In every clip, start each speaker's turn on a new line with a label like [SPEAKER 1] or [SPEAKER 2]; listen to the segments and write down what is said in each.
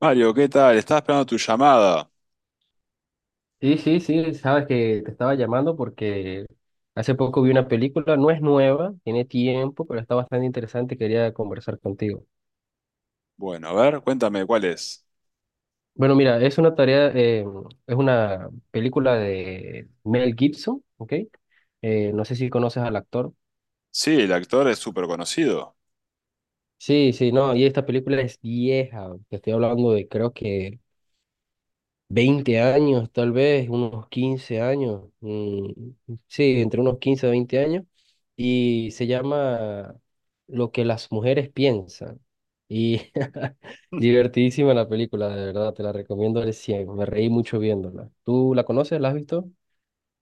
[SPEAKER 1] Mario, ¿qué tal? Estaba esperando tu llamada.
[SPEAKER 2] Sí, sí, sí, sabes que te estaba llamando porque hace poco vi una película, no es nueva, tiene tiempo, pero está bastante interesante y quería conversar contigo.
[SPEAKER 1] Bueno, a ver, cuéntame cuál es.
[SPEAKER 2] Bueno, mira, es una tarea, es una película de Mel Gibson, ¿ok? No sé si conoces al actor.
[SPEAKER 1] Sí, el actor es súper conocido.
[SPEAKER 2] Sí, sí, no, y esta película es vieja, te estoy hablando de creo que 20 años, tal vez, unos 15 años, mm, sí, entre unos 15 a 20 años, y se llama Lo que las mujeres piensan. Y divertidísima la película, de verdad, te la recomiendo al cien, me reí mucho viéndola. ¿Tú la conoces? ¿La has visto?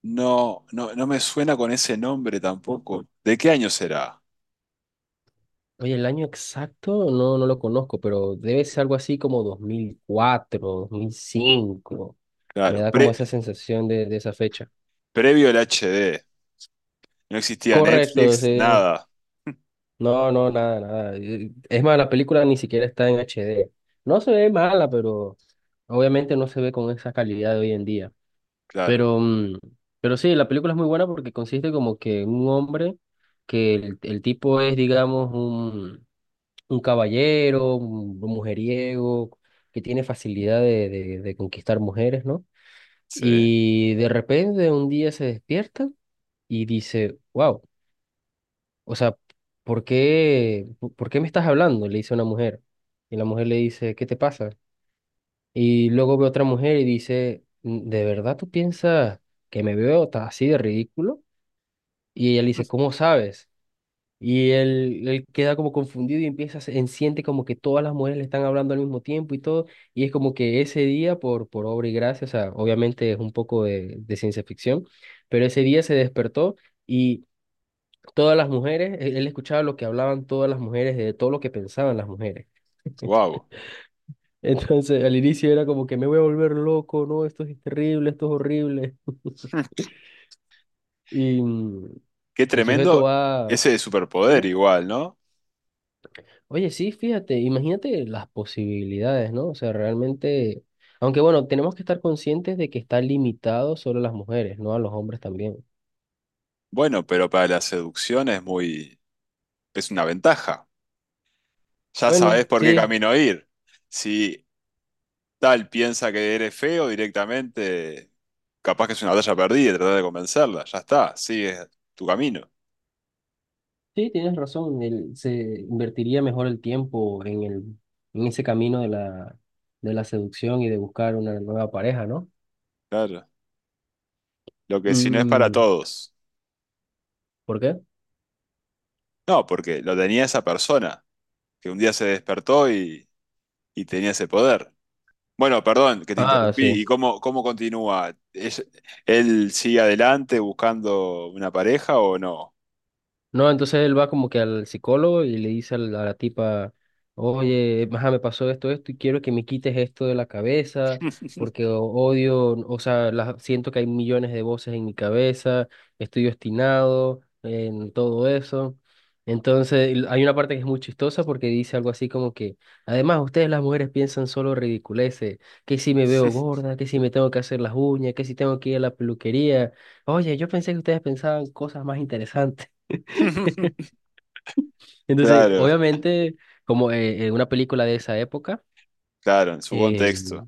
[SPEAKER 1] No, no, no me suena con ese nombre tampoco. ¿De qué año será?
[SPEAKER 2] Oye, el año exacto no lo conozco, pero debe ser algo así como 2004, 2005. Me
[SPEAKER 1] Claro,
[SPEAKER 2] da como esa
[SPEAKER 1] pre-
[SPEAKER 2] sensación de esa fecha.
[SPEAKER 1] previo al HD. No existía
[SPEAKER 2] Correcto,
[SPEAKER 1] Netflix,
[SPEAKER 2] sí,
[SPEAKER 1] nada.
[SPEAKER 2] no, no, nada, nada. Es más, la película ni siquiera está en HD. No se ve mala, pero obviamente no se ve con esa calidad de hoy en día.
[SPEAKER 1] Claro,
[SPEAKER 2] Pero, pero sí, la película es muy buena porque consiste como que en un hombre, que el tipo es, digamos, un caballero, un mujeriego, que tiene facilidad de conquistar mujeres, ¿no?
[SPEAKER 1] sí.
[SPEAKER 2] Y de repente un día se despierta y dice, wow. O sea, por qué me estás hablando? Le dice una mujer. Y la mujer le dice, ¿qué te pasa? Y luego ve otra mujer y dice, "Mm, ¿de verdad tú piensas que me veo así de ridículo? Y ella le dice, ¿cómo sabes? Y él queda como confundido y empieza, siente como que todas las mujeres le están hablando al mismo tiempo y todo. Y es como que ese día, por obra y gracia, o sea, obviamente es un poco de ciencia ficción, pero ese día se despertó. Y todas las mujeres, él escuchaba lo que hablaban todas las mujeres, de todo lo que pensaban las mujeres.
[SPEAKER 1] Wow.
[SPEAKER 2] Entonces, al inicio era como que me voy a volver loco, no, esto es terrible, esto es horrible. Y
[SPEAKER 1] Qué
[SPEAKER 2] el sujeto
[SPEAKER 1] tremendo
[SPEAKER 2] va,
[SPEAKER 1] ese superpoder
[SPEAKER 2] dime,
[SPEAKER 1] igual, ¿no?
[SPEAKER 2] oye, sí, fíjate, imagínate las posibilidades, ¿no? O sea, realmente, aunque bueno, tenemos que estar conscientes de que está limitado solo a las mujeres, no a los hombres también.
[SPEAKER 1] Bueno, pero para la seducción es muy, es una ventaja. Ya sabes
[SPEAKER 2] Bueno,
[SPEAKER 1] por qué
[SPEAKER 2] sí,
[SPEAKER 1] camino ir. Si tal piensa que eres feo directamente, capaz que es una batalla perdida y tratar de convencerla, ya está, sigue tu camino.
[SPEAKER 2] sí, tienes razón. El, se invertiría mejor el tiempo en el, en ese camino de la seducción y de buscar una nueva pareja, ¿no?
[SPEAKER 1] Claro. Lo que si no es para
[SPEAKER 2] Mm,
[SPEAKER 1] todos.
[SPEAKER 2] ¿por qué?
[SPEAKER 1] No, porque lo tenía esa persona, que un día se despertó y tenía ese poder. Bueno, perdón que te
[SPEAKER 2] Ah,
[SPEAKER 1] interrumpí.
[SPEAKER 2] sí.
[SPEAKER 1] ¿Y cómo, cómo continúa? ¿Es- ¿Él sigue adelante buscando una pareja o no?
[SPEAKER 2] No, entonces él va como que al psicólogo y le dice a a la tipa, oye, ajá, me pasó esto, esto, y quiero que me quites esto de la cabeza, porque odio, o sea, la- siento que hay millones de voces en mi cabeza, estoy obstinado en todo eso. Entonces, y hay una parte que es muy chistosa porque dice algo así como que, además, ustedes las mujeres piensan solo ridiculeces, que si me veo gorda, que si me tengo que hacer las uñas, que si tengo que ir a la peluquería. Oye, yo pensé que ustedes pensaban cosas más interesantes. Entonces,
[SPEAKER 1] Claro,
[SPEAKER 2] obviamente, como una película de esa época,
[SPEAKER 1] claro, en su
[SPEAKER 2] eh,
[SPEAKER 1] contexto.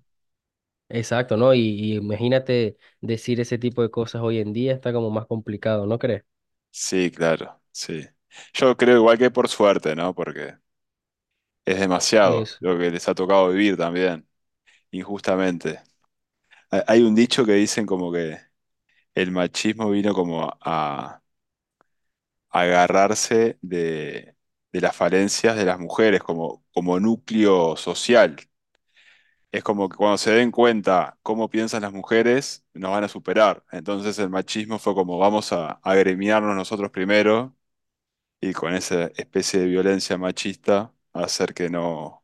[SPEAKER 2] exacto, ¿no? Y imagínate decir ese tipo de cosas hoy en día está como más complicado, ¿no crees?
[SPEAKER 1] Sí, claro, sí. Yo creo igual que por suerte, ¿no? Porque es demasiado
[SPEAKER 2] Es,
[SPEAKER 1] lo que les ha tocado vivir también, injustamente. Hay un dicho que dicen como que el machismo vino como a agarrarse de las falencias de las mujeres como, como núcleo social. Es como que cuando se den cuenta cómo piensan las mujeres, nos van a superar. Entonces el machismo fue como vamos a agremiarnos nosotros primero y con esa especie de violencia machista hacer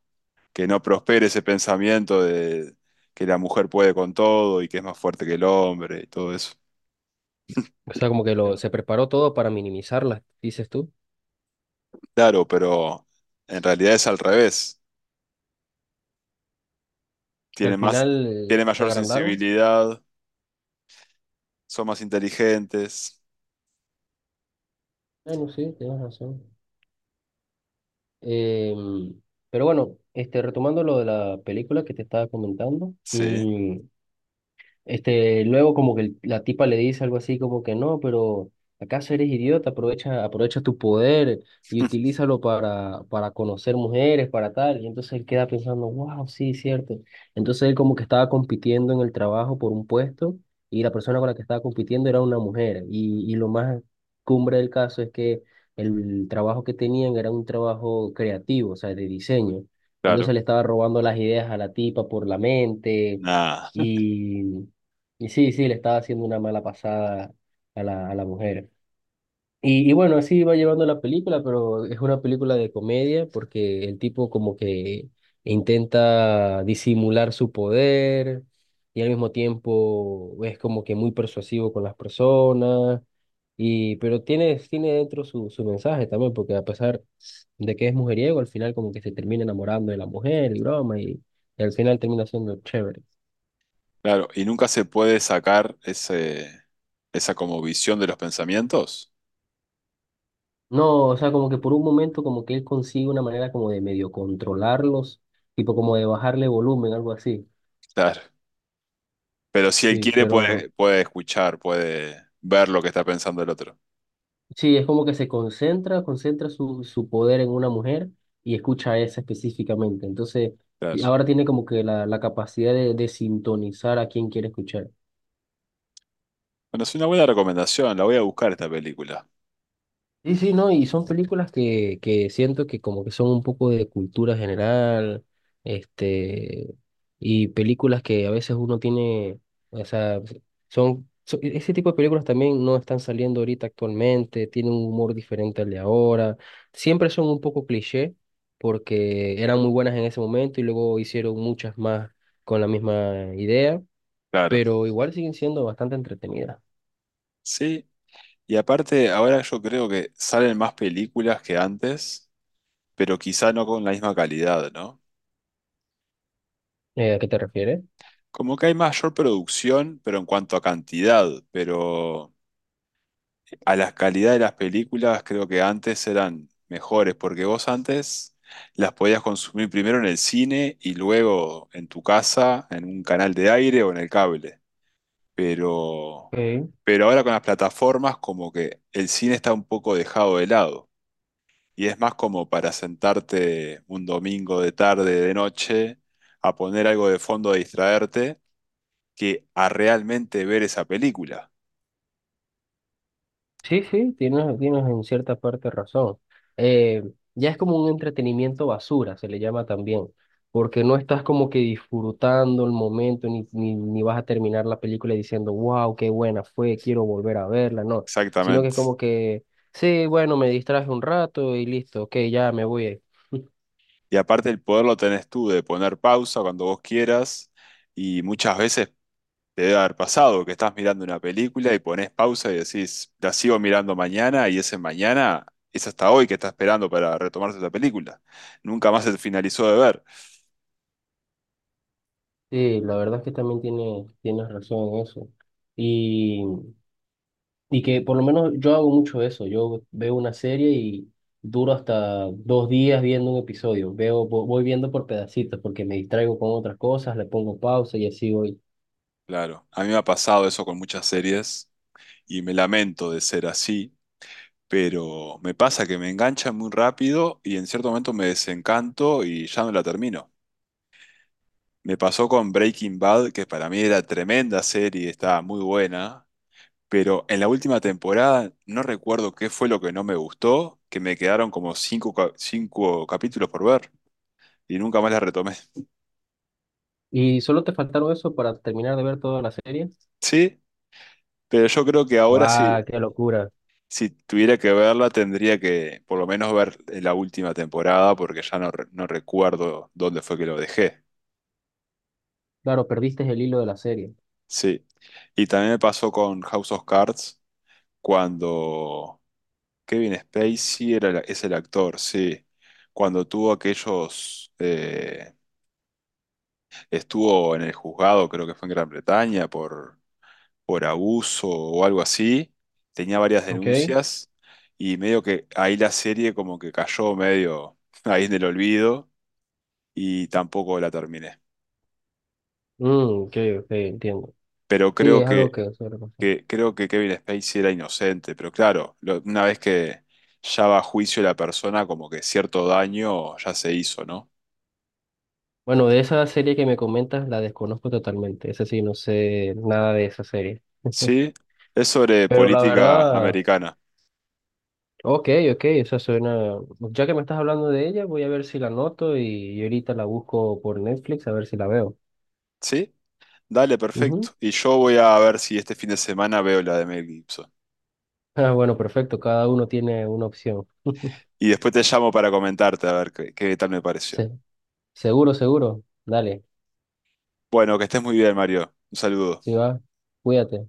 [SPEAKER 1] que no prospere ese pensamiento de que la mujer puede con todo y que es más fuerte que el hombre y todo eso.
[SPEAKER 2] o sea, como que
[SPEAKER 1] Claro.
[SPEAKER 2] se preparó todo para minimizarlas, dices tú.
[SPEAKER 1] Claro, pero en realidad es al revés.
[SPEAKER 2] Que
[SPEAKER 1] Tiene
[SPEAKER 2] al
[SPEAKER 1] más,
[SPEAKER 2] final
[SPEAKER 1] tiene
[SPEAKER 2] se
[SPEAKER 1] mayor
[SPEAKER 2] agrandaron.
[SPEAKER 1] sensibilidad, son más inteligentes.
[SPEAKER 2] Bueno, sí, tienes razón. Em, pero bueno, este, retomando lo de la película que te estaba comentando,
[SPEAKER 1] Sí,
[SPEAKER 2] mm, este, luego como que la tipa le dice algo así como que no, pero ¿acaso eres idiota? Aprovecha, aprovecha tu poder y utilízalo para conocer mujeres, para tal. Y entonces él queda pensando, wow, sí, cierto. Entonces él como que estaba compitiendo en el trabajo por un puesto y la persona con la que estaba compitiendo era una mujer. Y lo más cumbre del caso es que el trabajo que tenían era un trabajo creativo, o sea, de diseño. Entonces
[SPEAKER 1] claro.
[SPEAKER 2] le estaba robando las ideas a la tipa por la mente.
[SPEAKER 1] Nada,
[SPEAKER 2] Y sí, sí, le estaba haciendo una mala pasada a a la mujer. Y bueno, así va llevando la película, pero es una película de comedia porque el tipo como que intenta disimular su poder y al mismo tiempo es como que muy persuasivo con las personas, y, pero tiene dentro su mensaje también, porque a pesar de que es mujeriego, al final como que se termina enamorando de la mujer y broma y al final termina siendo chévere.
[SPEAKER 1] claro. ¿Y nunca se puede sacar ese, esa como visión de los pensamientos?
[SPEAKER 2] No, o sea, como que por un momento como que él consigue una manera como de medio controlarlos, tipo como de bajarle volumen, algo así.
[SPEAKER 1] Claro. Pero si él
[SPEAKER 2] Sí,
[SPEAKER 1] quiere,
[SPEAKER 2] pero no.
[SPEAKER 1] puede, puede escuchar, puede ver lo que está pensando el otro.
[SPEAKER 2] Sí, es como que se concentra, concentra su poder en una mujer y escucha a esa específicamente. Entonces, y
[SPEAKER 1] Claro.
[SPEAKER 2] ahora tiene como que la capacidad de sintonizar a quien quiere escuchar.
[SPEAKER 1] Bueno, es una buena recomendación, la voy a buscar esta película.
[SPEAKER 2] Sí, sí, no, y son películas que siento que como que son un poco de cultura general, este, y películas que a veces uno tiene, o sea, son, so- ese tipo de películas también no están saliendo ahorita actualmente, tienen un humor diferente al de ahora, siempre son un poco cliché, porque eran muy buenas en ese momento y luego hicieron muchas más con la misma idea,
[SPEAKER 1] Claro.
[SPEAKER 2] pero igual siguen siendo bastante entretenidas.
[SPEAKER 1] Sí, y aparte ahora yo creo que salen más películas que antes, pero quizá no con la misma calidad, ¿no?
[SPEAKER 2] ¿A qué te refieres?
[SPEAKER 1] Como que hay mayor producción, pero en cuanto a cantidad, pero a la calidad de las películas creo que antes eran mejores, porque vos antes las podías consumir primero en el cine y luego en tu casa, en un canal de aire o en el cable. pero, pero ahora con las plataformas como que el cine está un poco dejado de lado y es más como para sentarte un domingo de tarde, de noche, a poner algo de fondo a distraerte que a realmente ver esa película.
[SPEAKER 2] Sí, sí, tienes en cierta parte razón. Eh, ya es como un entretenimiento basura, se le llama también, porque no estás como que disfrutando el momento, ni vas a terminar la película diciendo, wow, qué buena fue, quiero volver a verla, no, sino que es
[SPEAKER 1] Exactamente.
[SPEAKER 2] como que, sí, bueno, me distraje un rato y listo, ok, ya me voy.
[SPEAKER 1] Y aparte el poder lo tenés tú de poner pausa cuando vos quieras y muchas veces te debe haber pasado que estás mirando una película y pones pausa y decís, la sigo mirando mañana, y ese mañana es hasta hoy que está esperando para retomarse la película. Nunca más se finalizó de ver.
[SPEAKER 2] Sí, la verdad es que también tienes razón en eso. Y que por lo menos yo hago mucho eso. Yo veo una serie y duro hasta 2 días viendo un episodio. Veo, voy viendo por pedacitos porque me distraigo con otras cosas, le pongo pausa y así voy.
[SPEAKER 1] Claro, a mí me ha pasado eso con muchas series y me lamento de ser así, pero me pasa que me engancha muy rápido y en cierto momento me desencanto y ya no la termino. Me pasó con Breaking Bad, que para mí era tremenda serie, estaba muy buena, pero en la última temporada no recuerdo qué fue lo que no me gustó, que me quedaron como cinco, cinco capítulos por ver y nunca más la retomé.
[SPEAKER 2] ¿Y solo te faltaron eso para terminar de ver toda la serie?
[SPEAKER 1] Sí, pero yo creo que ahora
[SPEAKER 2] ¡Ah,
[SPEAKER 1] sí,
[SPEAKER 2] qué locura!
[SPEAKER 1] si tuviera que verla tendría que por lo menos ver la última temporada porque ya no, no recuerdo dónde fue que lo dejé.
[SPEAKER 2] Claro, perdiste el hilo de la serie.
[SPEAKER 1] Sí. Y también me pasó con House of Cards cuando Kevin Spacey es el actor, sí. Cuando tuvo aquellos... estuvo en el juzgado, creo que fue en Gran Bretaña, por abuso o algo así. Tenía varias
[SPEAKER 2] ¿Ok?
[SPEAKER 1] denuncias y medio que ahí la serie como que cayó medio ahí en el olvido y tampoco la terminé.
[SPEAKER 2] Mm, ok, ok, entiendo.
[SPEAKER 1] Pero
[SPEAKER 2] Sí,
[SPEAKER 1] creo
[SPEAKER 2] es
[SPEAKER 1] que,
[SPEAKER 2] algo que suele pasar.
[SPEAKER 1] creo que Kevin Spacey era inocente, pero claro, lo- una vez que ya va a juicio la persona, como que cierto daño ya se hizo, ¿no?
[SPEAKER 2] Bueno, de esa serie que me comentas, la desconozco totalmente. Esa sí, no sé nada de esa serie.
[SPEAKER 1] Sí, es sobre
[SPEAKER 2] Pero la
[SPEAKER 1] política
[SPEAKER 2] verdad.
[SPEAKER 1] americana.
[SPEAKER 2] Ok, ok, esa suena. Ya que me estás hablando de ella, voy a ver si la anoto y ahorita la busco por Netflix a ver si la veo.
[SPEAKER 1] ¿Sí? Dale, perfecto.
[SPEAKER 2] Ujú.
[SPEAKER 1] Y yo voy a ver si este fin de semana veo la de Mel Gibson.
[SPEAKER 2] Ah, bueno, perfecto, cada uno tiene una opción.
[SPEAKER 1] Y después te llamo para comentarte a ver qué, qué tal me pareció.
[SPEAKER 2] Se- seguro, seguro. Dale,
[SPEAKER 1] Bueno, que estés muy bien, Mario. Un saludo.
[SPEAKER 2] sí va, cuídate.